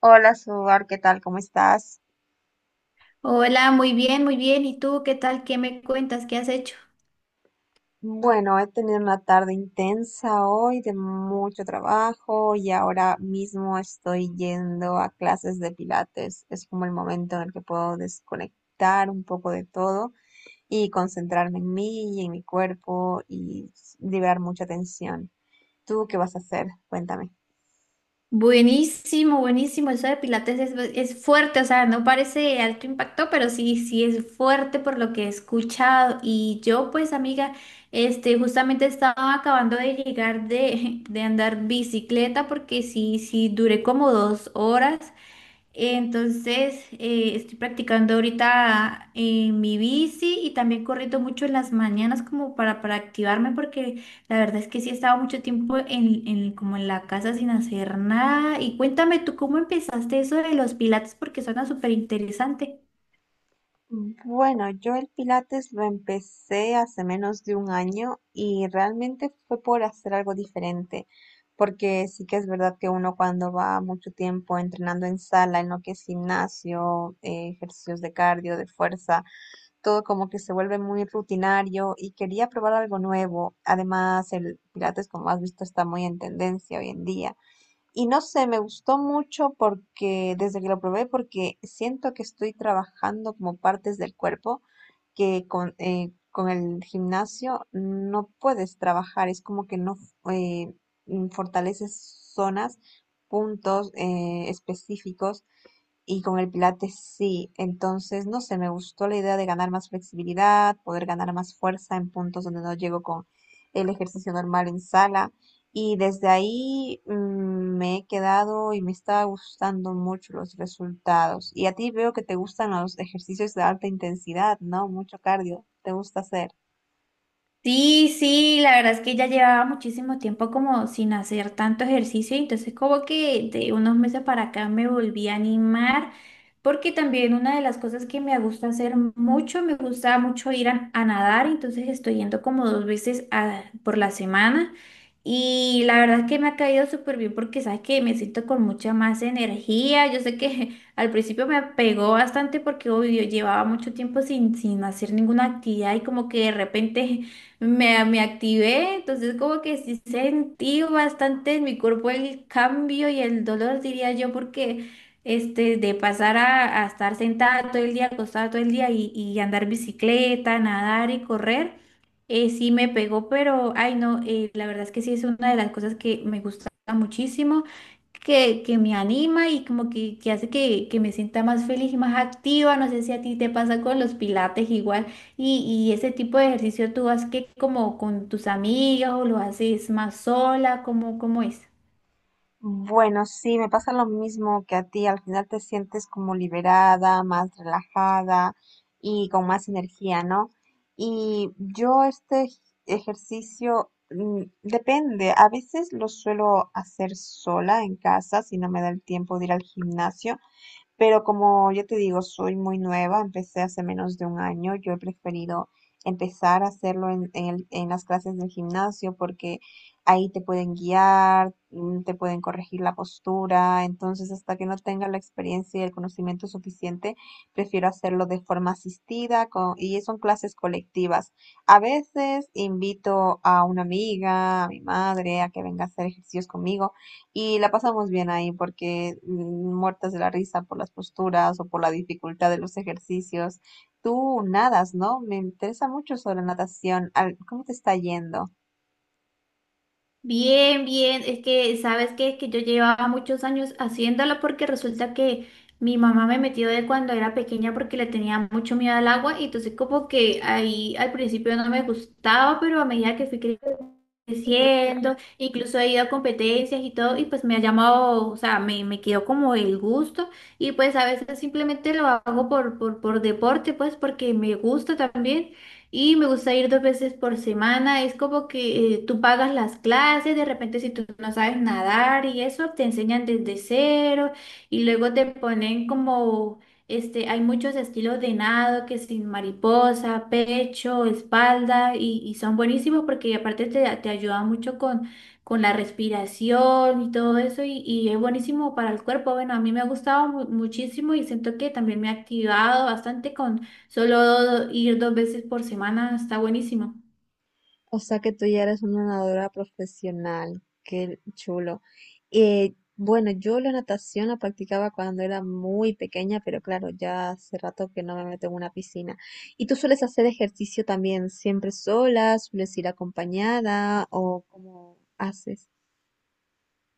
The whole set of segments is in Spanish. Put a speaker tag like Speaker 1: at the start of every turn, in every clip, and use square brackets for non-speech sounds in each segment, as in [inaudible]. Speaker 1: Hola, Suar, ¿qué tal? ¿Cómo estás?
Speaker 2: Hola, muy bien, muy bien. ¿Y tú qué tal? ¿Qué me cuentas? ¿Qué has hecho?
Speaker 1: Bueno, he tenido una tarde intensa hoy de mucho trabajo y ahora mismo estoy yendo a clases de pilates. Es como el momento en el que puedo desconectar un poco de todo y concentrarme en mí y en mi cuerpo y liberar mucha tensión. ¿Tú qué vas a hacer? Cuéntame.
Speaker 2: Buenísimo, buenísimo. Eso de Pilates es fuerte, o sea, no parece de alto impacto, pero sí, sí es fuerte por lo que he escuchado. Y yo, pues, amiga, este, justamente estaba acabando de llegar [laughs] de andar bicicleta porque sí, sí, duré como 2 horas. Entonces, estoy practicando ahorita mi bici y también corriendo mucho en las mañanas como para activarme porque la verdad es que sí he estado mucho tiempo como en la casa sin hacer nada. Y cuéntame tú cómo empezaste eso de los pilates porque suena súper interesante.
Speaker 1: Bueno, yo el Pilates lo empecé hace menos de un año y realmente fue por hacer algo diferente, porque sí que es verdad que uno cuando va mucho tiempo entrenando en sala, en lo que es gimnasio, ejercicios de cardio, de fuerza, todo como que se vuelve muy rutinario y quería probar algo nuevo. Además, el Pilates, como has visto, está muy en tendencia hoy en día. Y no sé, me gustó mucho porque desde que lo probé, porque siento que estoy trabajando como partes del cuerpo que con el gimnasio no puedes trabajar, es como que no eh, fortaleces zonas, puntos específicos, y con el pilates sí. Entonces no sé, me gustó la idea de ganar más flexibilidad, poder ganar más fuerza en puntos donde no llego con el ejercicio normal en sala. Y desde ahí me he quedado y me está gustando mucho los resultados. Y a ti veo que te gustan los ejercicios de alta intensidad, ¿no? Mucho cardio, te gusta hacer.
Speaker 2: Sí, sí, la verdad es que ya llevaba muchísimo tiempo como sin hacer tanto ejercicio, y entonces como que de unos meses para acá me volví a animar, porque también una de las cosas que me gusta hacer mucho, me gusta mucho ir a nadar, entonces estoy yendo como dos veces a- por la semana y la verdad es que me ha caído súper bien porque sabes que me siento con mucha más energía. Yo sé que [laughs] al principio me pegó bastante porque obvio, llevaba mucho tiempo sin hacer ninguna actividad y como que de repente me activé, entonces como que sí sentí bastante en mi cuerpo el cambio y el dolor, diría yo, porque este, de pasar a estar sentada todo el día, acostada todo el día y andar bicicleta, nadar y correr, sí me pegó, pero ay no, la verdad es que sí es una de las cosas que me gusta muchísimo. Que me anima y como que hace que me sienta más feliz y más activa. No sé si a ti te pasa con los pilates igual. Y ese tipo de ejercicio tú haces que como con tus amigas o lo haces más sola, ¿cómo, cómo es?
Speaker 1: Bueno, sí, me pasa lo mismo que a ti. Al final te sientes como liberada, más relajada y con más energía, ¿no? Y yo este ejercicio, depende. A veces lo suelo hacer sola en casa si no me da el tiempo de ir al gimnasio. Pero como yo te digo, soy muy nueva, empecé hace menos de un año, yo he preferido empezar a hacerlo en las clases del gimnasio, porque ahí te pueden guiar, te pueden corregir la postura. Entonces, hasta que no tenga la experiencia y el conocimiento suficiente, prefiero hacerlo de forma asistida y son clases colectivas. A veces invito a una amiga, a mi madre, a que venga a hacer ejercicios conmigo y la pasamos bien ahí porque, muertas de la risa por las posturas o por la dificultad de los ejercicios. Tú nadas, ¿no? Me interesa mucho sobre natación. ¿Cómo te está yendo?
Speaker 2: Bien, bien, es que sabes que es que yo llevaba muchos años haciéndolo porque resulta que mi mamá me metió de cuando era pequeña porque le tenía mucho miedo al agua y entonces como que ahí al principio no me gustaba, pero a medida que fui creciendo, incluso he ido a competencias y todo, y pues me ha llamado, o sea, me quedó como el gusto, y pues a veces simplemente lo hago por deporte, pues porque me gusta también, y me gusta ir dos veces por semana. Es como que tú pagas las clases, de repente si tú no sabes nadar y eso, te enseñan desde cero, y luego te ponen como... Este, hay muchos estilos de nado que sin mariposa, pecho, espalda y son buenísimos porque aparte te ayuda mucho con la respiración y todo eso y es buenísimo para el cuerpo. Bueno, a mí me ha gustado muchísimo y siento que también me ha activado bastante con solo ir dos veces por semana, está buenísimo.
Speaker 1: O sea que tú ya eres una nadadora profesional, qué chulo. Bueno, yo la natación la practicaba cuando era muy pequeña, pero claro, ya hace rato que no me meto en una piscina. ¿Y tú sueles hacer ejercicio también siempre sola? ¿Sueles ir acompañada o cómo haces?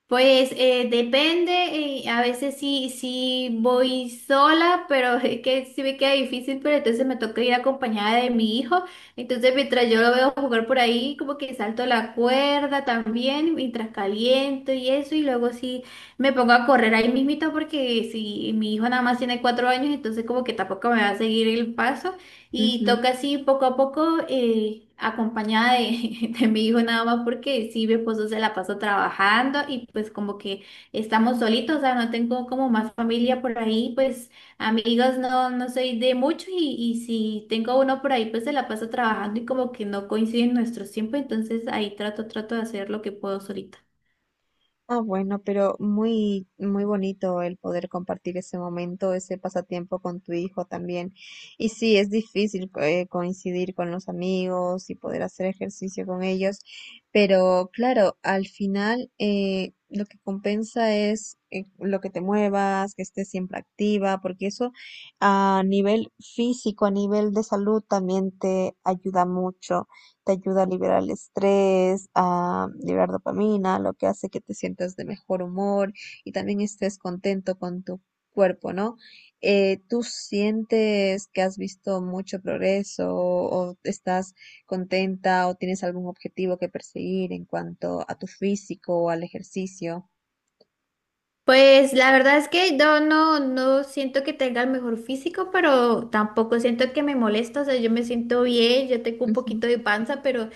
Speaker 2: Pues depende, a veces sí, sí voy sola, pero [laughs] es que sí me queda difícil, pero entonces me toca ir acompañada de mi hijo. Entonces mientras yo lo veo jugar por ahí, como que salto la cuerda también, mientras caliento y eso, y luego sí me pongo a correr ahí mismito porque si mi hijo nada más tiene 4 años, entonces como que tampoco me va a seguir el paso. Y toca así poco a poco, acompañada [laughs] de mi hijo nada más, porque sí, mi esposo se la pasó trabajando y pues como que estamos solitos, o sea, no tengo como más familia por ahí, pues amigos no, no soy de mucho y si tengo uno por ahí, pues se la paso trabajando y como que no coinciden nuestros tiempos, entonces ahí trato, trato de hacer lo que puedo solita.
Speaker 1: Ah, bueno, pero muy, muy bonito el poder compartir ese momento, ese pasatiempo con tu hijo también. Y sí, es difícil coincidir con los amigos y poder hacer ejercicio con ellos, pero claro, al final lo que compensa es, lo que te muevas, que estés siempre activa, porque eso a nivel físico, a nivel de salud también te ayuda mucho, te ayuda a liberar el estrés, a liberar dopamina, lo que hace que te sientas de mejor humor y también estés contento con tu cuerpo, ¿no? ¿Tú sientes que has visto mucho progreso o estás contenta o tienes algún objetivo que perseguir en cuanto a tu físico o al ejercicio?
Speaker 2: Pues la verdad es que yo no, no siento que tenga el mejor físico, pero tampoco siento que me molesta, o sea, yo me siento bien, yo tengo un poquito de panza, pero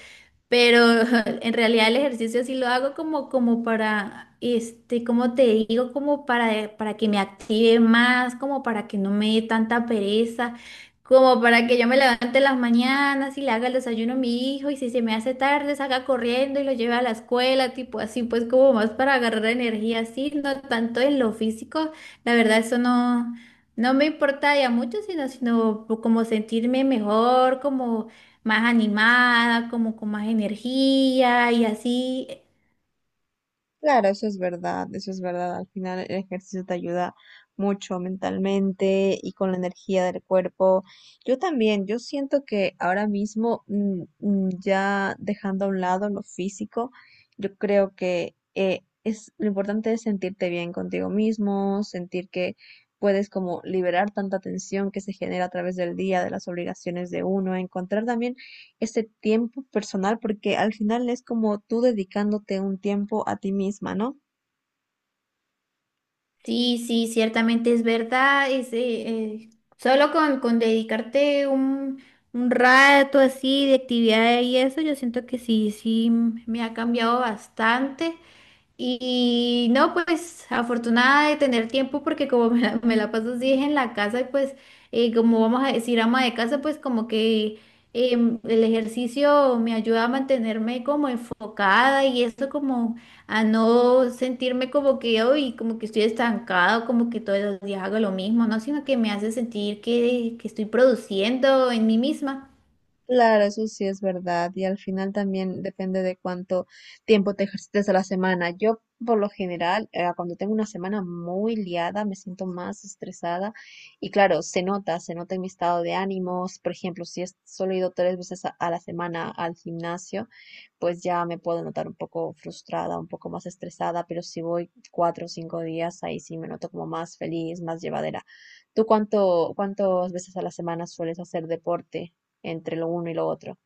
Speaker 2: pero [laughs] en realidad el ejercicio sí lo hago como para, este, como te digo, para que me active más, como para que no me dé tanta pereza, como para que yo me levante en las mañanas y le haga el desayuno a mi hijo y si se me hace tarde salga corriendo y lo lleve a la escuela, tipo así, pues como más para agarrar energía así, no tanto en lo físico, la verdad eso no, no me importa ya mucho, sino como sentirme mejor, como más animada, como con más energía y así.
Speaker 1: Claro, eso es verdad, eso es verdad. Al final el ejercicio te ayuda mucho mentalmente y con la energía del cuerpo. Yo también, yo siento que ahora mismo, ya dejando a un lado lo físico, yo creo que, es lo importante, es sentirte bien contigo mismo, sentir que puedes como liberar tanta tensión que se genera a través del día, de las obligaciones de uno, encontrar también ese tiempo personal, porque al final es como tú dedicándote un tiempo a ti misma, ¿no?
Speaker 2: Sí, sí, ciertamente es verdad. Es, eh, solo con dedicarte un rato así de actividad y eso, yo siento que sí, sí, me ha cambiado bastante. Y no, pues afortunada de tener tiempo porque como [laughs] me la paso así en la casa y pues como vamos a decir ama de casa, pues como que el ejercicio me ayuda a mantenerme como enfocada y esto como a no sentirme como que hoy como que estoy estancada, o como que todos los días hago lo mismo, no, sino que me hace sentir que estoy produciendo en mí misma.
Speaker 1: Claro, eso sí es verdad. Y al final también depende de cuánto tiempo te ejercites a la semana. Yo, por lo general, cuando tengo una semana muy liada, me siento más estresada. Y claro, se nota en mi estado de ánimos. Por ejemplo, si es, solo he ido 3 veces a la semana al gimnasio, pues ya me puedo notar un poco frustrada, un poco más estresada. Pero si voy 4 o 5 días, ahí sí me noto como más feliz, más llevadera. ¿Tú cuántas veces a la semana sueles hacer deporte? Entre lo uno y lo otro.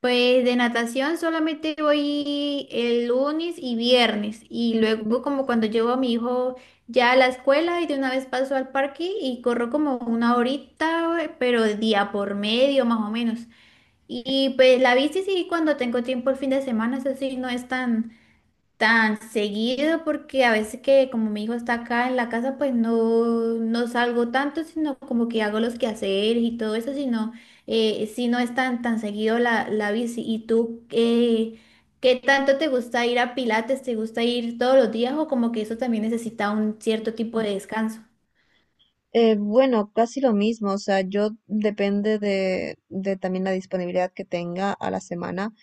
Speaker 2: Pues de natación solamente voy el lunes y viernes y
Speaker 1: Ujú.
Speaker 2: luego como cuando llevo a mi hijo ya a la escuela y de una vez paso al parque y corro como una horita, pero día por medio más o menos. Y pues la bici sí cuando tengo tiempo el fin de semana, eso sí no es tan seguido porque a veces que como mi hijo está acá en la casa, pues no, no salgo tanto, sino como que hago los quehaceres y todo eso, sino si no es tan, tan seguido la bici. ¿Y tú qué tanto te gusta ir a Pilates? ¿Te gusta ir todos los días o como que eso también necesita un cierto tipo de descanso?
Speaker 1: Bueno, casi lo mismo, o sea, yo depende de también la disponibilidad que tenga a la semana,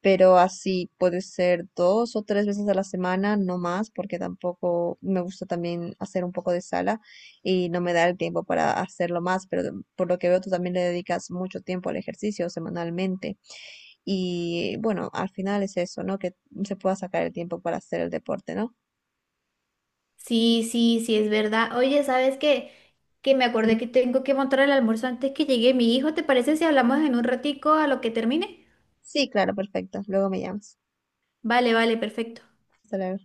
Speaker 1: pero así puede ser 2 o 3 veces a la semana, no más, porque tampoco me gusta también hacer un poco de sala y no me da el tiempo para hacerlo más, pero por lo que veo tú también le dedicas mucho tiempo al ejercicio semanalmente, y bueno, al final es eso, ¿no? Que se pueda sacar el tiempo para hacer el deporte, ¿no?
Speaker 2: Sí, sí, sí, es verdad. Oye, ¿sabes qué? Que me acordé que tengo que montar el almuerzo antes que llegue mi hijo. ¿Te parece si hablamos en un ratico a lo que termine?
Speaker 1: Sí, claro, perfecto. Luego me llamas.
Speaker 2: Vale, vale, perfecto.
Speaker 1: Hasta luego.